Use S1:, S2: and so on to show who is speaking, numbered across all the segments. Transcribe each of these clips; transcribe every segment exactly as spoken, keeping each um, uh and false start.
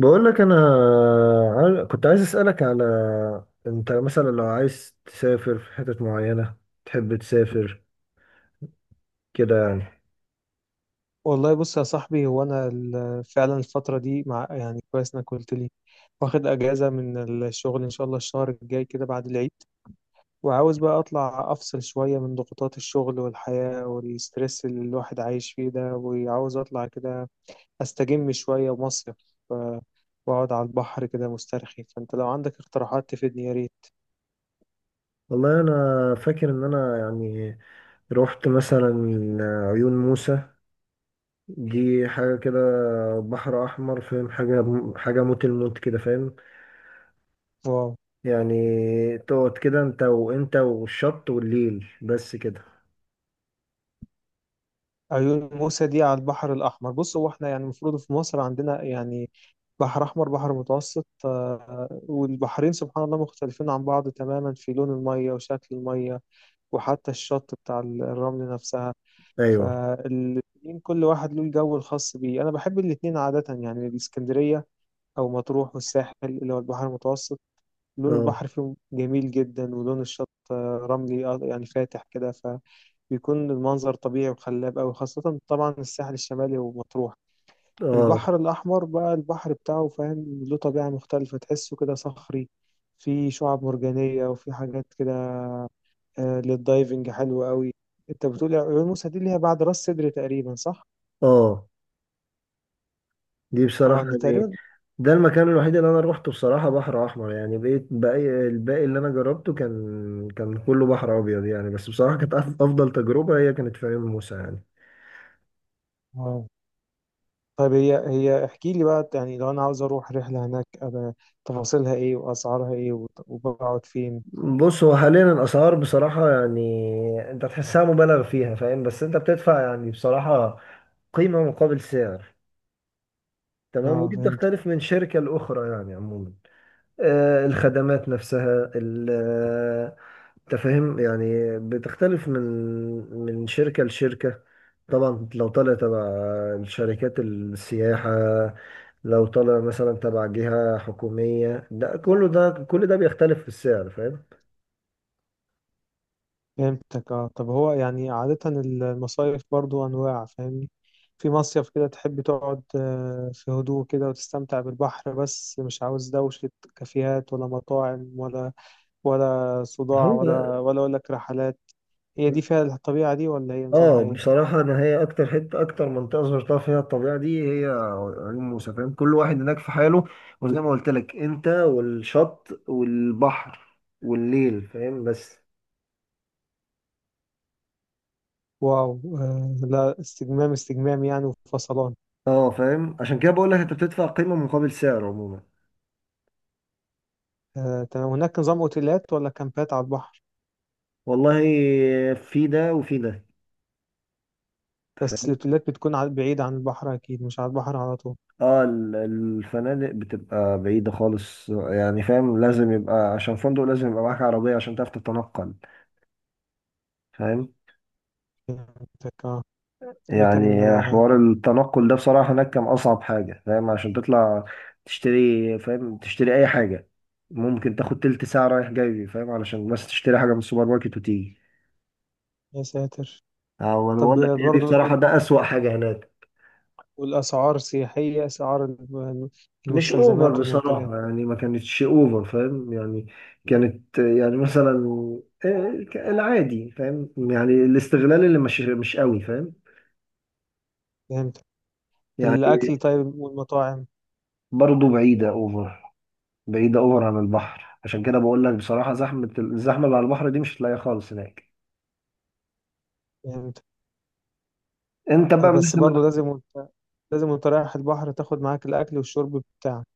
S1: بقول لك انا، عايز- كنت عايز اسالك على، انت مثلا لو عايز تسافر في حتت معينه، تحب تسافر كده يعني.
S2: والله، بص يا صاحبي، هو انا ال- فعلا الفتره دي مع يعني كويس انك قلت لي. واخد اجازه من الشغل ان شاء الله الشهر الجاي كده بعد العيد. وعاوز بقى اطلع افصل شويه من ضغوطات الشغل والحياه والستريس اللي الواحد عايش فيه ده، وعاوز اطلع كده استجم شويه مصيف. ف- واقعد على البحر كده مسترخي. فانت لو عندك اقتراحات تفيدني يا
S1: والله انا فاكر ان انا يعني رحت مثلا عيون موسى. دي حاجه كده، بحر احمر، فاهم؟ حاجه حاجه موت الموت كده، فاهم؟
S2: ريت.
S1: يعني تقعد كده، انت وانت والشط والليل بس كده.
S2: عيون موسى دي على البحر الأحمر؟ بص، هو احنا يعني المفروض في مصر عندنا يعني بحر أحمر، بحر متوسط، آه، والبحرين سبحان الله مختلفين عن بعض تماما في لون المية وشكل المية وحتى الشط بتاع الرمل نفسها.
S1: ايوه،
S2: فالاتنين كل واحد له الجو الخاص بيه. أنا بحب الاتنين عادة، يعني الإسكندرية أو مطروح والساحل اللي هو البحر المتوسط، لون
S1: اه،
S2: البحر فيهم جميل جدا ولون الشط، آه، رملي، آه، يعني فاتح كده. بيكون المنظر طبيعي وخلاب أوي، خاصة طبعا الساحل الشمالي ومطروح.
S1: اه،
S2: البحر الأحمر بقى البحر بتاعه فاهم، له طبيعة مختلفة، تحسه كده صخري، في شعاب مرجانية وفي حاجات كده، آه، للدايفنج حلوة أوي. أنت بتقول عيون موسى دي اللي هي بعد راس سدر تقريبا، صح؟
S1: اه. دي
S2: اه،
S1: بصراحة
S2: أنا
S1: يعني،
S2: تقريبا.
S1: ده المكان الوحيد اللي أنا روحته بصراحة بحر أحمر يعني. بقيت باقي الباقي اللي أنا جربته كان كان كله بحر أبيض يعني. بس بصراحة كانت أف- أفضل تجربة هي كانت في عيون موسى يعني.
S2: اه، طيب هي هي احكي لي بقى يعني لو أنا عاوز أروح رحلة هناك أبقى تفاصيلها إيه وأسعارها إيه وت- وبقعد فين؟
S1: بص، هو حاليا الأسعار بصراحة يعني أنت تحسها مبالغ فيها، فاهم؟ بس أنت بتدفع يعني بصراحة قيمة مقابل سعر. تمام.
S2: اه،
S1: ودي
S2: فهمت.
S1: بتختلف من شركة لأخرى يعني. عموما، آه، الخدمات نفسها، ال- انت فاهم يعني، بتختلف من من شركة لشركة. طبعا لو طالع تبع شركات السياحة، لو طالع مثلا تبع جهة حكومية، ده كله ده كل ده بيختلف في السعر، فاهم؟
S2: فهمتك، اه. طب هو يعني عادة المصايف برضو أنواع فاهمني. في مصيف كده تحب تقعد، آه، في هدوء كده وتستمتع بالبحر بس مش عاوز دوشة كافيهات ولا مطاعم ولا ولا
S1: هو،
S2: صداع ولا ولا أقول لك رحلات. هي دي فيها الطبيعة دي ولا هي نظامها
S1: اه،
S2: ايه؟
S1: بصراحة انا هي اكتر حتة اكتر منطقة زرتها فيها الطبيعة دي هي عيون موسى. فاهم؟ كل واحد هناك في حاله، وزي ما قلت لك انت والشط والبحر والليل. فاهم؟ بس
S2: واو، آه، لا، استجمام استجمام يعني وفصلان.
S1: اه، فاهم، عشان كده بقول لك انت بتدفع قيمة مقابل سعر عموما.
S2: آه، تمام. هناك نظام اوتيلات ولا كامبات على البحر؟
S1: والله في ده وفي ده.
S2: بس
S1: فاهم؟
S2: الاوتيلات بتكون على- بعيدة عن البحر أكيد، مش على البحر على طول.
S1: اه، ال- الفنادق بتبقى بعيدة خالص يعني. فاهم؟ لازم يبقى، عشان فندق، لازم يبقى معاك عربية عشان تعرف تتنقل. فاهم
S2: فهمتك، آه. لكن
S1: يعني. حوار التنقل ده بصراحة هناك كان أصعب حاجة. فاهم؟ عشان تطلع تشتري، فاهم، تشتري أي حاجة، ممكن تاخد تلت ساعة رايح جاي، فاهم، علشان بس تشتري حاجة من السوبر ماركت وتيجي.
S2: يا ساتر،
S1: اه، انا
S2: طب
S1: بقول لك هي دي
S2: برضو
S1: بصراحة
S2: ال-
S1: ده أسوأ حاجة هناك.
S2: والأسعار سياحية، أسعار الم-
S1: مش اوفر
S2: المستلزمات والمنتجات.
S1: بصراحة يعني. ما كانتش اوفر، فاهم يعني. كانت يعني مثلا آه، ك- العادي، فاهم يعني. الاستغلال اللي مش مش قوي. فاهم
S2: فهمت.
S1: يعني.
S2: الأكل طيب والمطاعم.
S1: برضه بعيدة اوفر، بعيدة اوفر عن البحر. عشان كده بقول لك بصراحة، زحمة الزحمة اللي على البحر دي مش هتلاقيها خالص هناك.
S2: فهمت.
S1: انت بقى
S2: بس
S1: مثلا،
S2: برضو لازم وانت لازم وانت رايح البحر تاخد معاك الأكل والشرب بتاعك.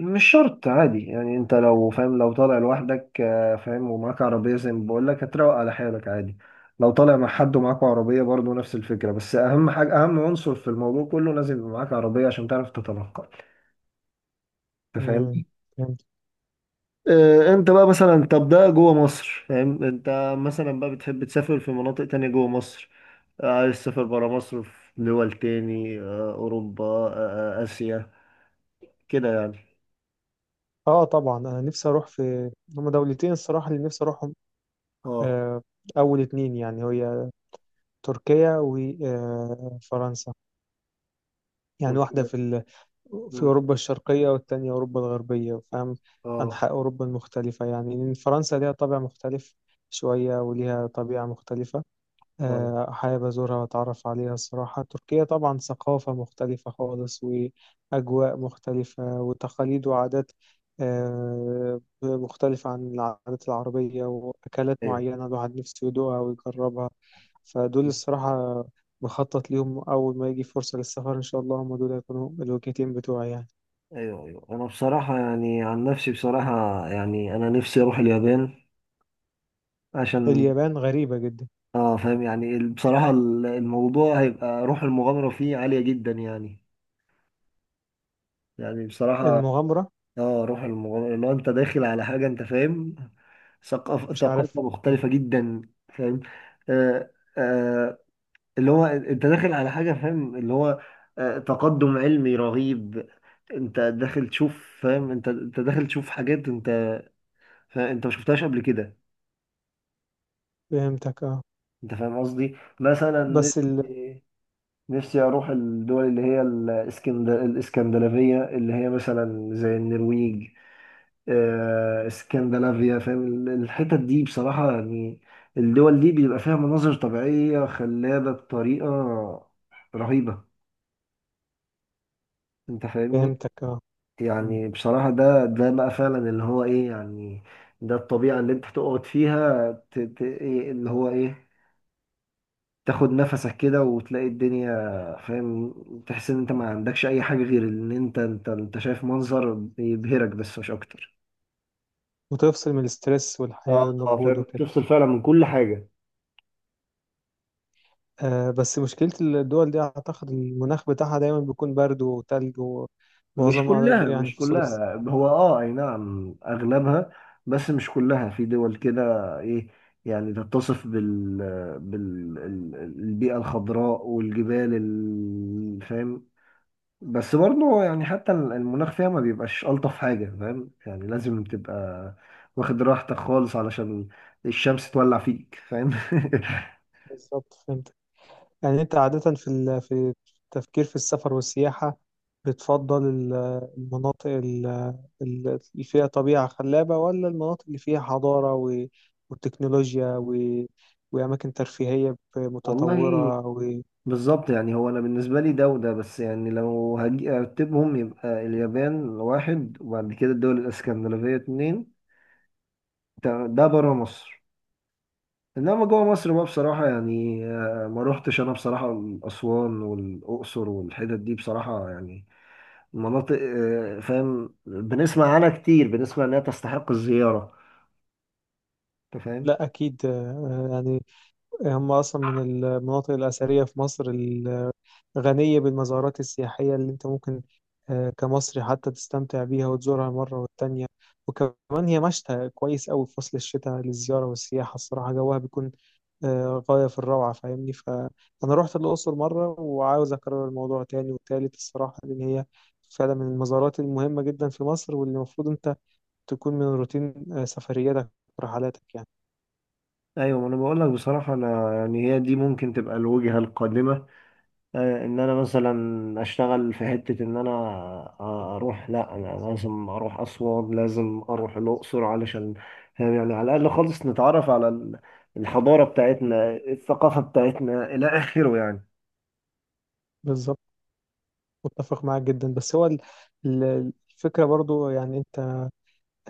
S1: مش شرط، عادي يعني. انت لو، فاهم، لو طالع لوحدك آه، فاهم، ومعاك عربية زي ما بقول لك، هتروق على حالك عادي. لو طالع مع حد ومعاك عربية، برضه نفس الفكرة. بس أهم حاجة، أهم عنصر في الموضوع كله، لازم يبقى معاك عربية عشان تعرف تتنقل. أنت
S2: مم،
S1: فاهمني؟
S2: فهمت.
S1: آه، أنت بقى مثلا، طب ده جوه مصر، فاهم؟ أنت مثلا بقى بتحب تسافر في مناطق تانية جوه مصر، آه، عايز تسافر برا مصر، في دول تاني، آه، أوروبا، آه، آه، آسيا، كده يعني.
S2: اه، طبعا أنا نفسي أروح في هما دولتين الصراحة اللي نفسي أروحهم.
S1: اه،
S2: آه، أول اتنين يعني هي تركيا وفرنسا. يعني واحدة
S1: تركيا.
S2: في ال في
S1: مم.
S2: أوروبا الشرقية والتانية أوروبا الغربية فاهم.
S1: اه،
S2: أنحاء أوروبا المختلفة يعني إن فرنسا ليها طابع مختلف شوية وليها طبيعة مختلفة،
S1: اه،
S2: آه، حابب أزورها وأتعرف عليها الصراحة. تركيا طبعا ثقافة مختلفة خالص وأجواء مختلفة وتقاليد وعادات، آه، مختلفة عن العادات العربية وأكلات
S1: ايوه،
S2: معينة الواحد نفسه يدوقها ويجربها. فدول الصراحة بخطط ليهم أول ما يجي فرصة للسفر إن شاء الله هم دول هيكونوا الوجهتين بتوعي يعني.
S1: ايوه، ايوه، انا بصراحه يعني، عن نفسي بصراحه يعني، انا نفسي اروح اليابان عشان،
S2: اليابان غريبة جدا.
S1: اه، فاهم يعني ال- بصراحه ال- الموضوع هيبقى روح المغامره فيه عاليه جدا يعني يعني بصراحه
S2: المغامرة.
S1: اه، روح المغامره، لو انت داخل على حاجه انت، فاهم، ثقافه
S2: مش عارف.
S1: ثقافه مختلفه جدا. فاهم؟ آه آه اللي هو انت داخل على حاجه، فاهم، اللي هو آه، تقدم علمي رهيب. انت داخل تشوف، فاهم، انت انت داخل تشوف حاجات انت فانت ما شفتهاش قبل كده.
S2: فهمتك، اه.
S1: انت فاهم قصدي؟ مثلا
S2: بس ال...
S1: نفسي نفسي اروح الدول اللي هي الاسكند... الاسكندنافيه، اللي هي مثلا زي النرويج، آه، اسكندنافيا، فاهم؟ ال- الحتت دي بصراحه يعني، الدول دي بيبقى فيها مناظر طبيعيه خلابه بطريقه رهيبه. انت فاهمني؟
S2: فهمتك، اه.
S1: يعني بصراحه ده ده بقى فعلا اللي هو ايه يعني. ده الطبيعه اللي انت تقعد فيها ت... ت... إيه، اللي هو ايه، تاخد نفسك كده وتلاقي الدنيا. فاهم؟ تحس ان انت ما عندكش اي حاجة غير ان انت انت انت شايف منظر يبهرك بس مش اكتر.
S2: وتفصل من الاسترس والحياة
S1: اه، اه،
S2: والمجهود
S1: فاهم.
S2: وكده.
S1: تفصل فعلا من كل حاجه.
S2: آه، بس مشكلة الدول دي أعتقد المناخ بتاعها دايما بيكون برد وتلج
S1: مش
S2: ومعظم
S1: كلها،
S2: يعني
S1: مش
S2: فصول السنة.
S1: كلها، هو اه، اي نعم، اغلبها، بس مش كلها في دول كده. ايه يعني؟ تتصف بال بال ال- البيئة الخضراء والجبال، ال- فاهم؟ بس برضه يعني حتى المناخ فيها ما بيبقاش ألطف حاجة، فاهم يعني. لازم تبقى واخد راحتك خالص علشان الشمس تولع فيك، فاهم؟
S2: بالظبط، فهمت. يعني أنت عادة في ال... في التفكير في السفر والسياحة بتفضل ال- المناطق ال- ال- اللي فيها طبيعة خلابة ولا المناطق اللي فيها حضارة و، وتكنولوجيا و، وأماكن ترفيهية
S1: والله،
S2: متطورة و.
S1: بالظبط. يعني هو أنا بالنسبة لي، ده وده. بس يعني لو هاجي أرتبهم، يبقى اليابان واحد، وبعد كده الدول الإسكندنافية اتنين. ده ده برا مصر. إنما جوا مصر بقى بصراحة يعني، آه، ما روحتش أنا بصراحة أسوان والأقصر والحتت دي بصراحة يعني مناطق. آه، فاهم؟ بنسمع عنها كتير، بنسمع انها تستحق الزيارة. انت فاهم؟
S2: لا، أكيد آه، يعني هم أصلا من المناطق الأثرية في مصر الغنية بالمزارات السياحية اللي أنت ممكن، آه، كمصري حتى تستمتع بيها وتزورها مرة والتانية. وكمان هي مشتى كويس أوي في فصل الشتاء للزيارة والسياحة الصراحة، جوها بيكون، آه، غاية في الروعة فاهمني. فأنا رحت الأقصر مرة وعاوز أكرر الموضوع تاني وتالت الصراحة، لأن هي فعلا من المزارات المهمة جدا في مصر واللي المفروض أنت تكون من روتين، آه، سفرياتك ورحلاتك يعني.
S1: ايوه. ما انا بقول لك بصراحة انا يعني، هي دي ممكن تبقى الوجهة القادمة. آه، ان انا مثلا اشتغل في حتة، ان انا آه، اروح، لا انا لازم اروح اسوان، لازم اروح الاقصر، علشان فاهم يعني على الاقل خالص نتعرف على ال- الحضارة بتاعتنا، الثقافة بتاعتنا، الى اخره يعني.
S2: بالظبط، متفق معاك جدا. بس هو ال- ال- الفكرة برضو يعني انت،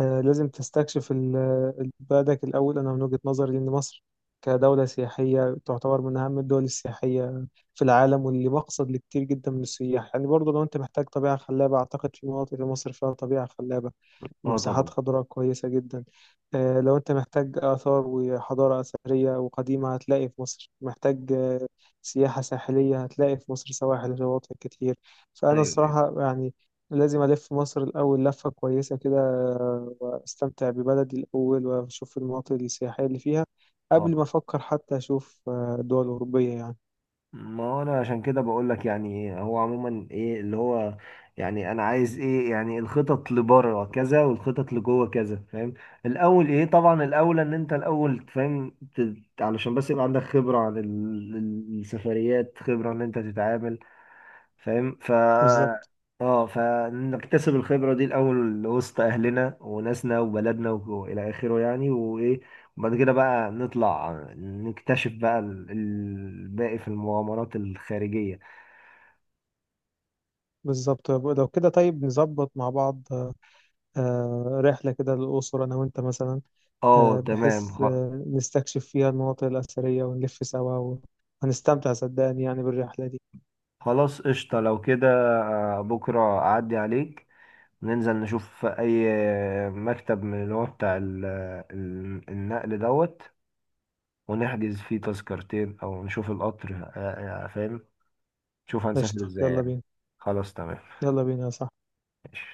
S2: آه، لازم تستكشف ال- ال- بلدك الأول. أنا من وجهة نظري لأن مصر كدولة سياحية تعتبر من أهم الدول السياحية في العالم واللي مقصد لكتير جدا من السياح يعني. برضو لو انت محتاج طبيعة خلابة أعتقد في مناطق في مصر فيها طبيعة خلابة،
S1: اه،
S2: مساحات
S1: طبعا،
S2: خضراء كويسة جدا، آه، لو أنت محتاج آثار وحضارة أثرية وقديمة هتلاقي في مصر، محتاج آه، سياحة ساحلية هتلاقي في مصر سواحل شواطئ كتير. فأنا
S1: ايوه، ايوه،
S2: الصراحة يعني لازم ألف مصر الأول لفة كويسة كده، آه، وأستمتع ببلدي الأول وأشوف المناطق السياحية اللي فيها
S1: آه.
S2: قبل ما أفكر حتى أشوف، آه، دول أوروبية يعني.
S1: ما هو انا عشان كده بقول لك يعني، هو عموما ايه اللي هو يعني، انا عايز ايه يعني؟ الخطط لبره كذا والخطط لجوه كذا، فاهم؟ الاول ايه؟ طبعا الاول ان انت الاول، فاهم. ت- علشان بس يبقى عندك خبرة عن ال- ال- السفريات، خبرة ان انت تتعامل، فاهم ف.
S2: بالظبط.
S1: اه، فنكتسب الخبرة دي الأول وسط أهلنا وناسنا وبلدنا وإلى آخره يعني. وإيه، وبعد كده بقى نطلع نكتشف بقى ال- الباقي في المغامرات الخارجية.
S2: بالظبط لو كده طيب نظبط مع بعض، آه، آه، رحلة كده للأقصر أنا وأنت مثلا،
S1: اه،
S2: آه،
S1: تمام.
S2: بحيث
S1: خ-
S2: آه، نستكشف فيها المناطق الأثرية ونلف سوا وهنستمتع صدقني يعني بالرحلة دي.
S1: خلاص، قشطة. لو كده آه، بكرة أعدي عليك، ننزل نشوف أي مكتب من اللي هو بتاع ال- ال- النقل دوت، ونحجز فيه تذكرتين، أو نشوف القطر آه، آه، فاهم؟ شوف هنسافر
S2: قشطة،
S1: ازاي
S2: يلا
S1: يعني.
S2: بينا.
S1: خلاص، تمام.
S2: يلا بينا يا صاحبي.
S1: ماشي.